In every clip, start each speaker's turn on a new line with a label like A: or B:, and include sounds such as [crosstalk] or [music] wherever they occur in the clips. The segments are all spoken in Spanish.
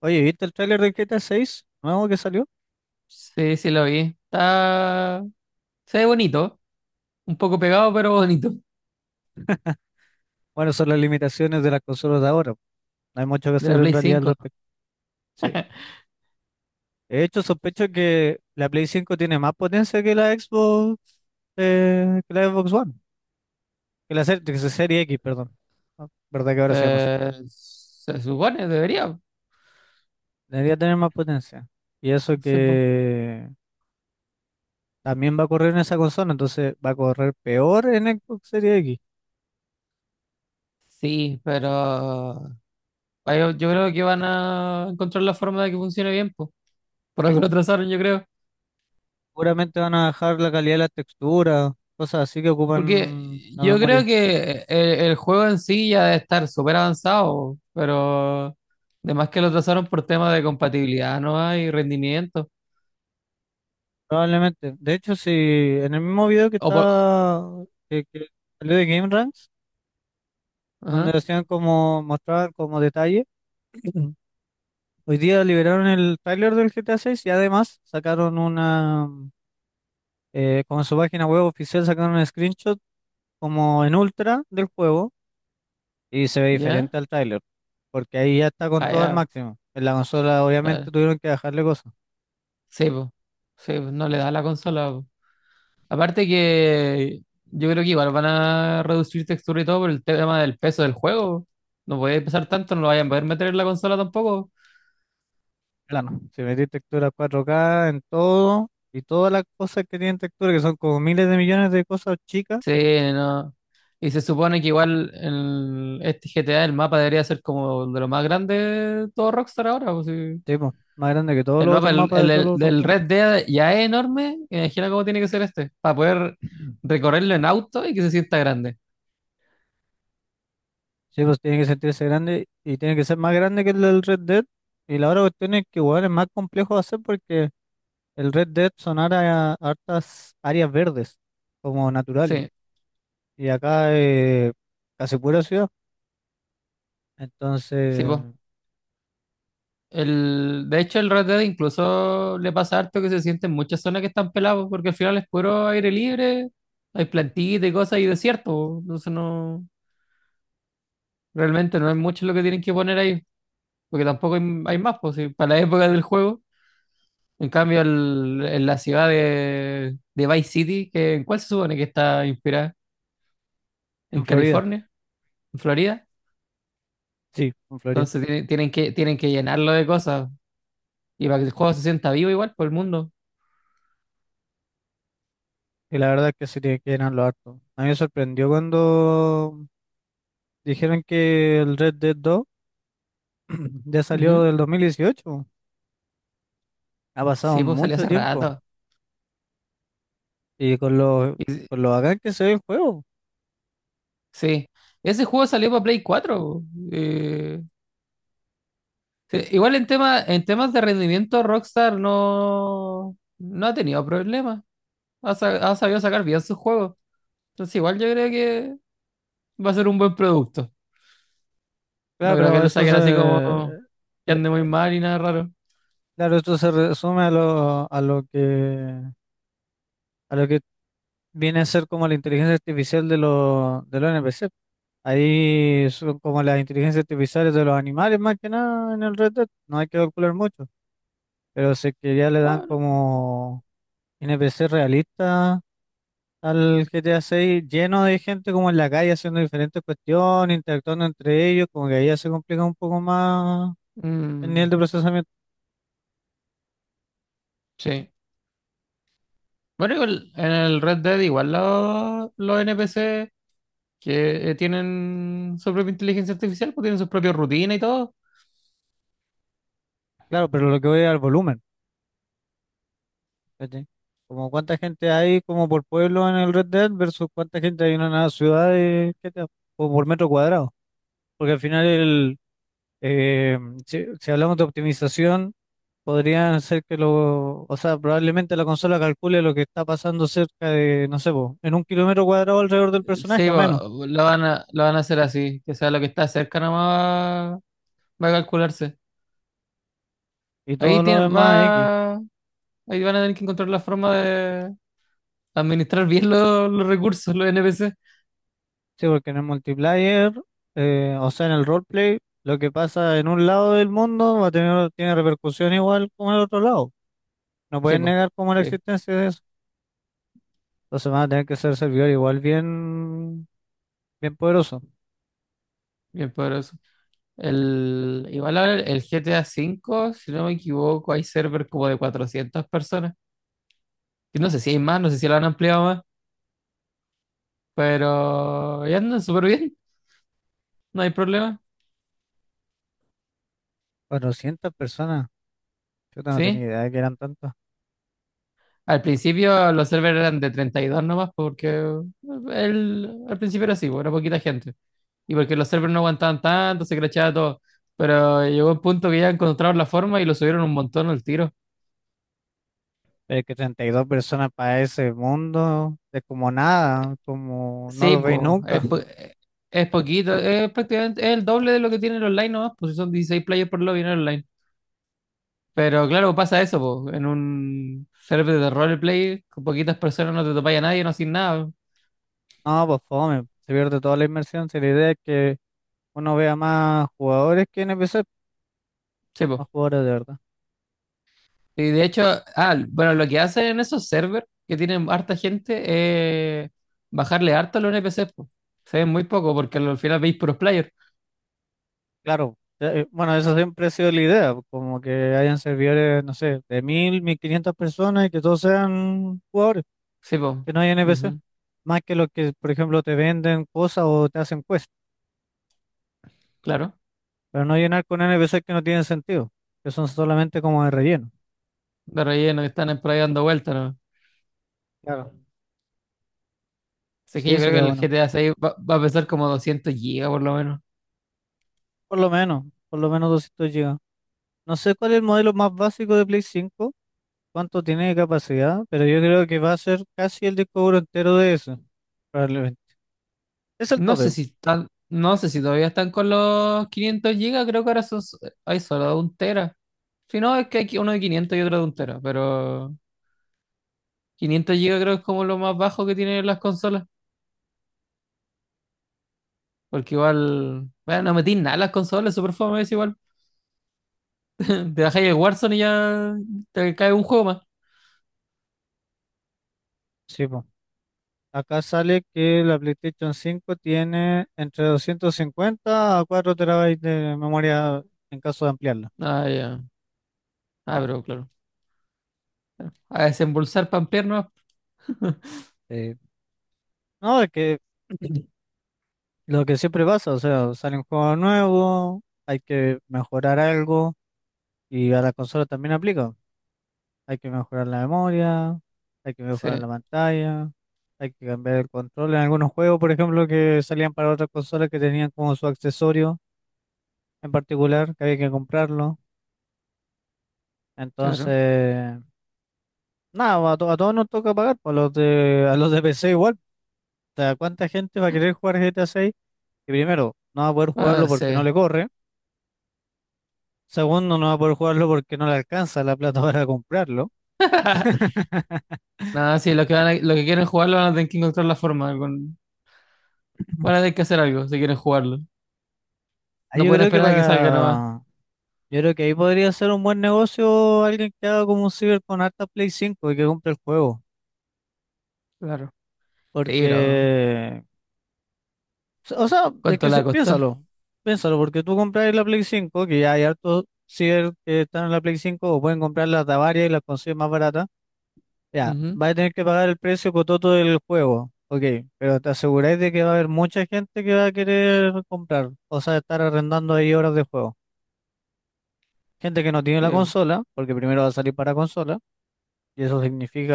A: Oye, ¿viste el tráiler de GTA 6 nuevo que salió?
B: Sí, sí lo vi. Está. Se ve bonito. Un poco pegado, pero bonito.
A: Bueno, son las limitaciones de las consolas de ahora. No hay mucho que
B: De
A: hacer
B: la
A: en
B: Play
A: realidad al
B: cinco,
A: respecto. Sí. De hecho, sospecho que la Play 5 tiene más potencia que la Xbox One, que la serie X, perdón. Ah, ¿verdad que ahora se llama así?
B: Se supone, debería. No
A: Debería tener más potencia. Y eso
B: sé, po.
A: que también va a correr en esa consola, entonces va a correr peor en Xbox Series X.
B: Sí, pero. Yo creo que van a encontrar la forma de que funcione bien, po. Por algo lo [laughs] trazaron, yo creo.
A: Seguramente van a bajar la calidad de las texturas, cosas así que
B: Porque
A: ocupan la
B: yo creo
A: memoria.
B: que el juego en sí ya debe estar súper avanzado, pero. Además que lo trazaron por temas de compatibilidad, ¿no? Y rendimiento.
A: Probablemente. De hecho, si en el mismo video que
B: O por.
A: está que salió de Game Ranks, donde
B: Ajá,
A: hacían como mostrar como detalle, [clears throat] hoy día liberaron el tráiler del GTA 6 y además sacaron una como en su página web oficial sacaron un screenshot como en ultra del juego y se ve
B: ¿ya?
A: diferente al tráiler, porque ahí ya está con
B: Ah,
A: todo al
B: ya.
A: máximo. En la consola obviamente
B: Claro.
A: tuvieron que dejarle cosas.
B: Sí, po. Sí, po, no le da la consola, po. Aparte que yo creo que igual van a reducir textura y todo por el tema del peso del juego. No puede pesar tanto, no lo vayan a poder meter en la consola tampoco.
A: Plano. Si metís textura 4K en todo y todas las cosas que tienen textura, que son como miles de millones de cosas chicas,
B: Sí, no. Y se supone que igual este GTA, el mapa debería ser como de lo más grande de todo Rockstar ahora, po, sí.
A: sí, po, más grande que todos
B: El
A: los otros
B: mapa
A: mapas de todos los otros
B: del
A: juegos.
B: Red Dead ya es enorme. Imagina cómo tiene que ser este, para poder
A: [clears throat]
B: recorrerlo en auto y que se sienta grande.
A: Sí, pues tiene que sentirse grande y tiene que ser más grande que el del Red Dead. Y la otra cuestión es que igual es más complejo de hacer porque el Red Dead son área- hartas áreas verdes, como naturales.
B: Sí,
A: Y acá casi pura ciudad.
B: sí,
A: Entonces,
B: pues. De hecho, el Red Dead incluso le pasa harto que se sienten muchas zonas que están pelados, porque al final es puro aire libre, hay plantitas y cosas y desierto, po. Entonces no, realmente no es mucho lo que tienen que poner ahí, porque tampoco hay, hay más, pues, si para la época del juego. En cambio, en la ciudad de Vice City, que, ¿en cuál se supone que está inspirada? ¿En
A: en Florida,
B: California? ¿En Florida?
A: sí, en Florida.
B: Entonces tienen que llenarlo de cosas. Y para que el juego se sienta vivo igual por el mundo.
A: Y la verdad es que sí te quedan lo harto. A mí me sorprendió cuando dijeron que el Red Dead 2 [clears throat] ya
B: Ujú.
A: salió del 2018. Ha pasado
B: Sí, pues salió
A: mucho
B: hace
A: tiempo.
B: rato.
A: Y con lo bacán que se ve el juego.
B: Sí, ese juego salió para Play 4. eh, sí, igual en temas de rendimiento, Rockstar no ha tenido problemas. Ha sabido sacar bien sus juegos. Entonces, igual yo creo que va a ser un buen producto.
A: Claro,
B: No creo que
A: pero
B: lo saquen así como que
A: eh,
B: ande muy mal y nada raro.
A: claro, esto se resume a a lo que viene a ser como la inteligencia artificial de de los NPC. Ahí son como las inteligencias artificiales de los animales más que nada en el Red Dead. No hay que calcular mucho. Pero sé que ya le dan
B: Bueno,
A: como NPC realista al GTA 6, lleno de gente como en la calle haciendo diferentes cuestiones, interactuando entre ellos, como que ahí ya se complica un poco más el
B: mm,
A: nivel de procesamiento.
B: sí. Bueno, igual en el Red Dead, igual los NPC que tienen su propia inteligencia artificial, pues tienen sus propias rutinas y todo.
A: Claro, pero lo que voy es al volumen, ¿cachai? Como cuánta gente hay como por pueblo en el Red Dead versus cuánta gente hay en una ciudad de GTA, o por metro cuadrado. Porque al final el, eh, si si hablamos de optimización. Podrían ser que lo, o sea, probablemente la consola calcule lo que está pasando cerca de, no sé, po, en un kilómetro cuadrado alrededor del personaje
B: Sí,
A: o menos,
B: lo van a hacer así, que sea lo que está cerca nomás va a calcularse.
A: y
B: Ahí
A: todo lo
B: tiene,
A: demás es X.
B: va, Ahí van a tener que encontrar la forma de administrar bien los recursos, los NPC.
A: Sí, porque en el multiplayer, o sea, en el roleplay, lo que pasa en un lado del mundo tiene repercusión igual como en el otro lado. No
B: Sí,
A: pueden
B: po,
A: negar como la
B: sí,
A: existencia de eso. Entonces van a tener que ser servidor igual bien poderoso.
B: bien poderoso. Igual ahora el GTA V, si no me equivoco, hay server como de 400 personas. Y no sé si hay más, no sé si lo han ampliado más, pero ya andan súper bien, no hay problema.
A: 400 personas, yo no tenía
B: Sí,
A: idea de que eran tantas.
B: al principio los servers eran de 32 nomás porque al principio era así, pues, era poquita gente. Y porque los servers no aguantaban tanto, se crachaba todo. Pero llegó un punto que ya encontraron la forma y lo subieron un montón al tiro.
A: Pero que 32 personas para ese mundo es como nada, como no
B: Sí,
A: lo veis
B: pues,
A: nunca.
B: es poquito, es prácticamente es el doble de lo que tiene el online nomás, pues si son 16 players por lobby en el online. Pero claro, pasa eso, pues, en un server de roleplay con poquitas personas no te topáis a nadie, no haces nada.
A: No, pues fome, se pierde toda la inmersión. Si la idea es que uno vea más jugadores que NPC,
B: Sí, pues.
A: más jugadores de verdad.
B: Y de hecho, bueno, lo que hacen en esos servers que tienen harta gente es bajarle harto a los NPCs, po. Se ven muy poco porque al final veis puros players.
A: Claro, bueno, eso siempre ha sido la idea, pues, como que hayan servidores, no sé, de mil, mil 1500 personas y que todos sean jugadores,
B: Sí, pues.
A: que no hay NPC. Más que los que, por ejemplo, te venden cosas o te hacen quest,
B: Claro.
A: pero no llenar con NPC que no tienen sentido, que son solamente como de relleno.
B: De relleno que están por ahí dando vueltas, ¿no?
A: Claro,
B: Así que
A: sí,
B: yo creo que
A: sería
B: el
A: bueno.
B: GTA 6 va a pesar como 200 gigas por lo menos.
A: Por lo menos, por lo menos 200 GB. No sé cuál es el modelo más básico de Play 5 cuánto tiene de capacidad, pero yo creo que va a ser casi el disco duro entero de eso, probablemente. Es el
B: No
A: tope,
B: sé
A: po.
B: si están, no sé si todavía están con los 500 gigas, creo que ahora hay solo un tera. Si no, es que hay uno de 500 y otro de un tera, pero 500 gigas creo que es como lo más bajo que tienen las consolas. Porque igual, bueno, no metís nada en las consolas, super fome es igual. [laughs] Te bajáis el Warzone y ya te cae un juego más.
A: Sí, po. Acá sale que la PlayStation 5 tiene entre 250 a 4 terabytes de memoria en caso de ampliarla.
B: Ah, ya. Ah, pero claro. A desembolsar pampear nomás.
A: Eh, no, es que [clears throat] lo que siempre pasa, o sea, sale un juego nuevo, hay que mejorar algo y a la consola también aplica. Hay que mejorar la memoria, hay que
B: Sí,
A: mejorar la pantalla, hay que cambiar el control. En algunos juegos, por ejemplo, que salían para otras consolas que tenían como su accesorio en particular, que había que comprarlo.
B: claro.
A: Entonces, nada, a, to- a todos nos toca pagar, pues, a a los de PC igual. O sea, ¿cuánta gente va a querer jugar GTA 6? Que primero, no va a poder jugarlo
B: Ah,
A: porque no
B: sí.
A: le corre. Segundo, no va a poder jugarlo porque no le alcanza la plata [laughs] para comprarlo.
B: [laughs] Nada, sí, los que quieren jugarlo van a tener que encontrar la forma. Van a tener que hacer algo si quieren jugarlo.
A: Ah,
B: No pueden esperar a que salga nomás.
A: Yo creo que ahí podría ser un buen negocio alguien que haga como un ciber con harta Play 5 y que compre el juego.
B: Claro. Sí, pero
A: Porque, o sea, es
B: ¿cuánto
A: que
B: le va
A: si-
B: a costar?
A: piénsalo, piénsalo, porque tú compras la Play 5 que ya hay hartos ciber que están en la Play 5 o pueden comprar las de a varias y las consigues más baratas. Ya,
B: Ujú.
A: vas a tener que pagar el precio cototo del juego, ok, pero te aseguráis de que va a haber mucha gente que va a querer comprar, o sea, estar arrendando ahí horas de juego. Gente que no tiene la
B: Sí,
A: consola, porque primero va a salir para consola. Y eso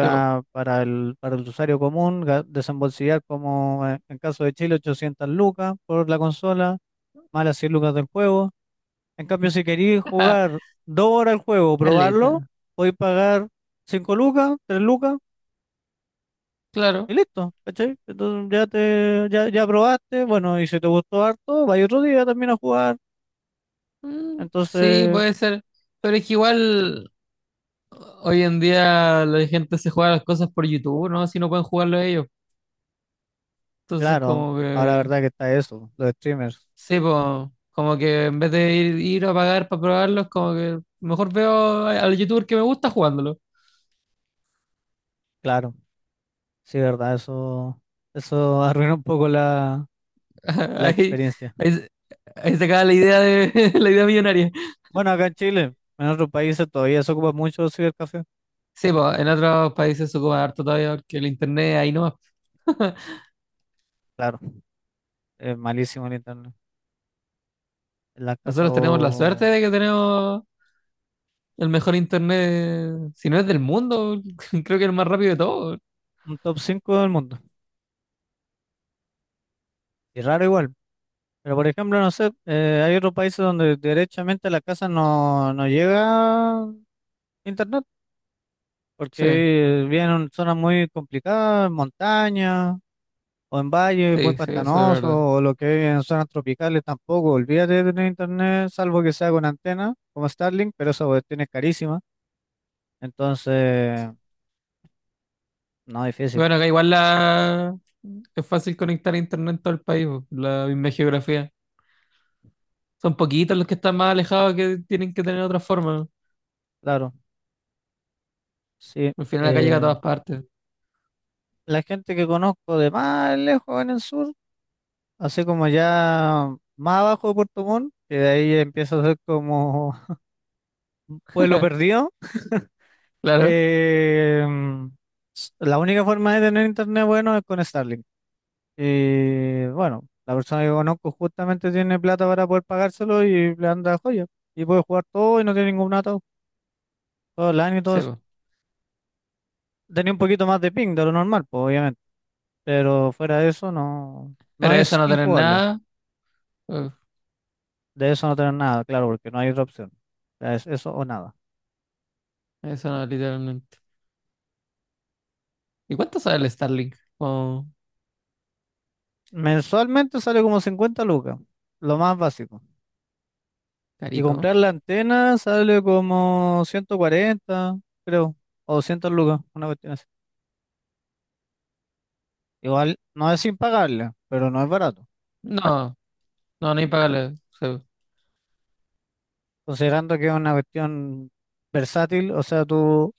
B: sí, po.
A: para para el usuario común ga- desembolsillar como en caso de Chile 800 lucas por la consola, más las 100 lucas del juego. En cambio, si queréis jugar
B: [laughs]
A: 2 horas el juego, probarlo,
B: Caleta.
A: podéis pagar 5 lucas, 3 lucas y
B: Claro.
A: listo, ¿cachai? Entonces ya probaste, bueno, y si te gustó harto, vais otro día también a jugar.
B: Mm, sí,
A: Entonces,
B: puede ser. Pero es que igual. Hoy en día la gente se juega las cosas por YouTube, ¿no? Si no pueden jugarlo ellos. Entonces,
A: claro,
B: como
A: ahora la
B: que,
A: verdad que está eso, los streamers,
B: sí, po, como que en vez de ir a pagar para probarlos, como que mejor veo al youtuber que me gusta jugándolo.
A: claro, sí, verdad, eso [laughs] arruina un poco la
B: [laughs] Ahí,
A: experiencia.
B: ahí, se- Ahí se acaba la idea de [laughs] la idea millonaria.
A: Bueno, acá en Chile, en otros países todavía se ocupa mucho el cibercafé.
B: Sí, pues en otros países se ocupa harto todavía porque el internet ahí no.
A: Claro, es malísimo el internet. En la casa
B: Nosotros tenemos la suerte
A: o
B: de que tenemos el mejor internet, si no es del mundo, [laughs] creo que el más rápido de todos.
A: un top 5 del mundo. Y raro igual. Pero por ejemplo, no sé, hay otros países donde derechamente a la casa no, no llega internet,
B: Sí,
A: porque viven en zonas muy complicadas, en montañas, o en valles muy
B: sí, sí, eso es
A: pantanosos,
B: verdad.
A: o lo que es en zonas tropicales tampoco. Olvídate de tener internet, salvo que sea con antena, como Starlink, pero esa cuestión es carísima. Entonces, no, difícil,
B: Bueno, acá igual la. Es fácil conectar a internet en todo el país, po, la misma geografía. Son poquitos los que están más alejados que tienen que tener otra forma.
A: claro, sí.
B: Al final acá llega a
A: Eh,
B: todas partes.
A: la gente que conozco de más lejos en el sur, así como ya más abajo de Puerto Montt, que de ahí empieza a ser como [laughs] un pueblo perdido, [laughs]
B: Claro,
A: eh, la única forma de tener internet bueno es con Starlink. Y bueno, la persona que conozco justamente tiene plata para poder pagárselo y le anda joya. Y puede jugar todo y no tiene ningún dato, todo online y todo
B: sí,
A: eso.
B: po.
A: Tenía un poquito más de ping de lo normal, pues, obviamente. Pero fuera de eso, no, no
B: Pero eso
A: es
B: no tener
A: injugable.
B: nada, uf,
A: De eso no tener nada, claro, porque no hay otra opción. O sea, es eso o nada.
B: eso no, literalmente. ¿Y cuánto sale el Starlink? Como
A: Mensualmente sale como 50 lucas, lo más básico. Y
B: carito, ¿no?
A: comprar la antena sale como 140 creo, o 200 lucas, una cuestión así. Igual no es impagable, pero no es barato.
B: No, no, no hay pagarle, sí.
A: Considerando que es una cuestión versátil, o sea, tú.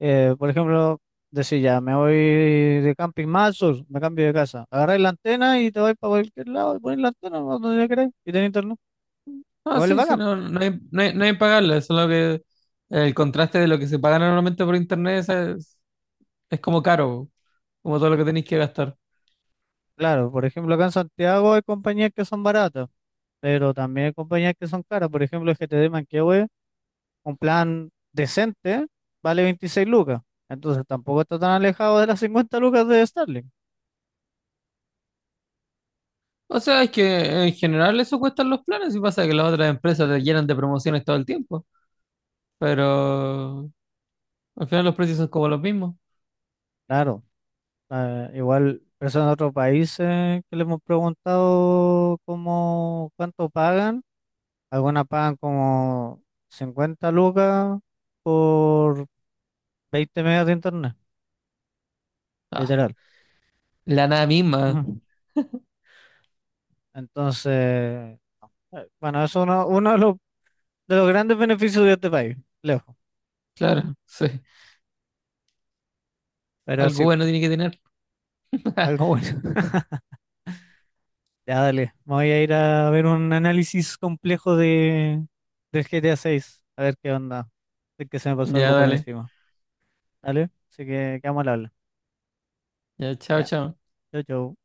A: Por ejemplo, decir ya, me voy de camping más al sur, me cambio de casa. Agarráis la antena y te vais para cualquier lado y ponéis la antena no, donde queráis y tenéis internet.
B: No,
A: Igual es
B: sí, sí,
A: bacán.
B: no, no hay pagarle, solo que el contraste de lo que se paga normalmente por internet es como caro, como todo lo que tenéis que gastar.
A: Claro, por ejemplo, acá en Santiago hay compañías que son baratas, pero también hay compañías que son caras. Por ejemplo, el GTD Manquehue, un plan decente, vale 26 lucas. Entonces tampoco está tan alejado de las 50 lucas de Starlink.
B: O sea, es que en general eso cuestan los planes y pasa que las otras empresas te llenan de promociones todo el tiempo, pero al final los precios son como los mismos.
A: Claro, igual personas de otros países que le hemos preguntado cómo, cuánto pagan. Algunas pagan como 50 lucas por 20 megas de internet,
B: Ah,
A: literal.
B: la nada misma,
A: Ujú. Entonces, bueno, eso es uno de de los grandes beneficios de este país, lejos.
B: claro, [laughs] sí.
A: Pero
B: Algo
A: sí,
B: bueno tiene que tener. [laughs]
A: algo bueno. [laughs] Ya, dale. Me voy a ir a ver un análisis complejo del GTA 6. A seis. A ver qué onda. Es que se me pasó
B: Ya,
A: algo por
B: dale.
A: encima. Dale. Así que quedamos al habla.
B: Ya, chao,
A: Ya.
B: chao.
A: Chau, chau.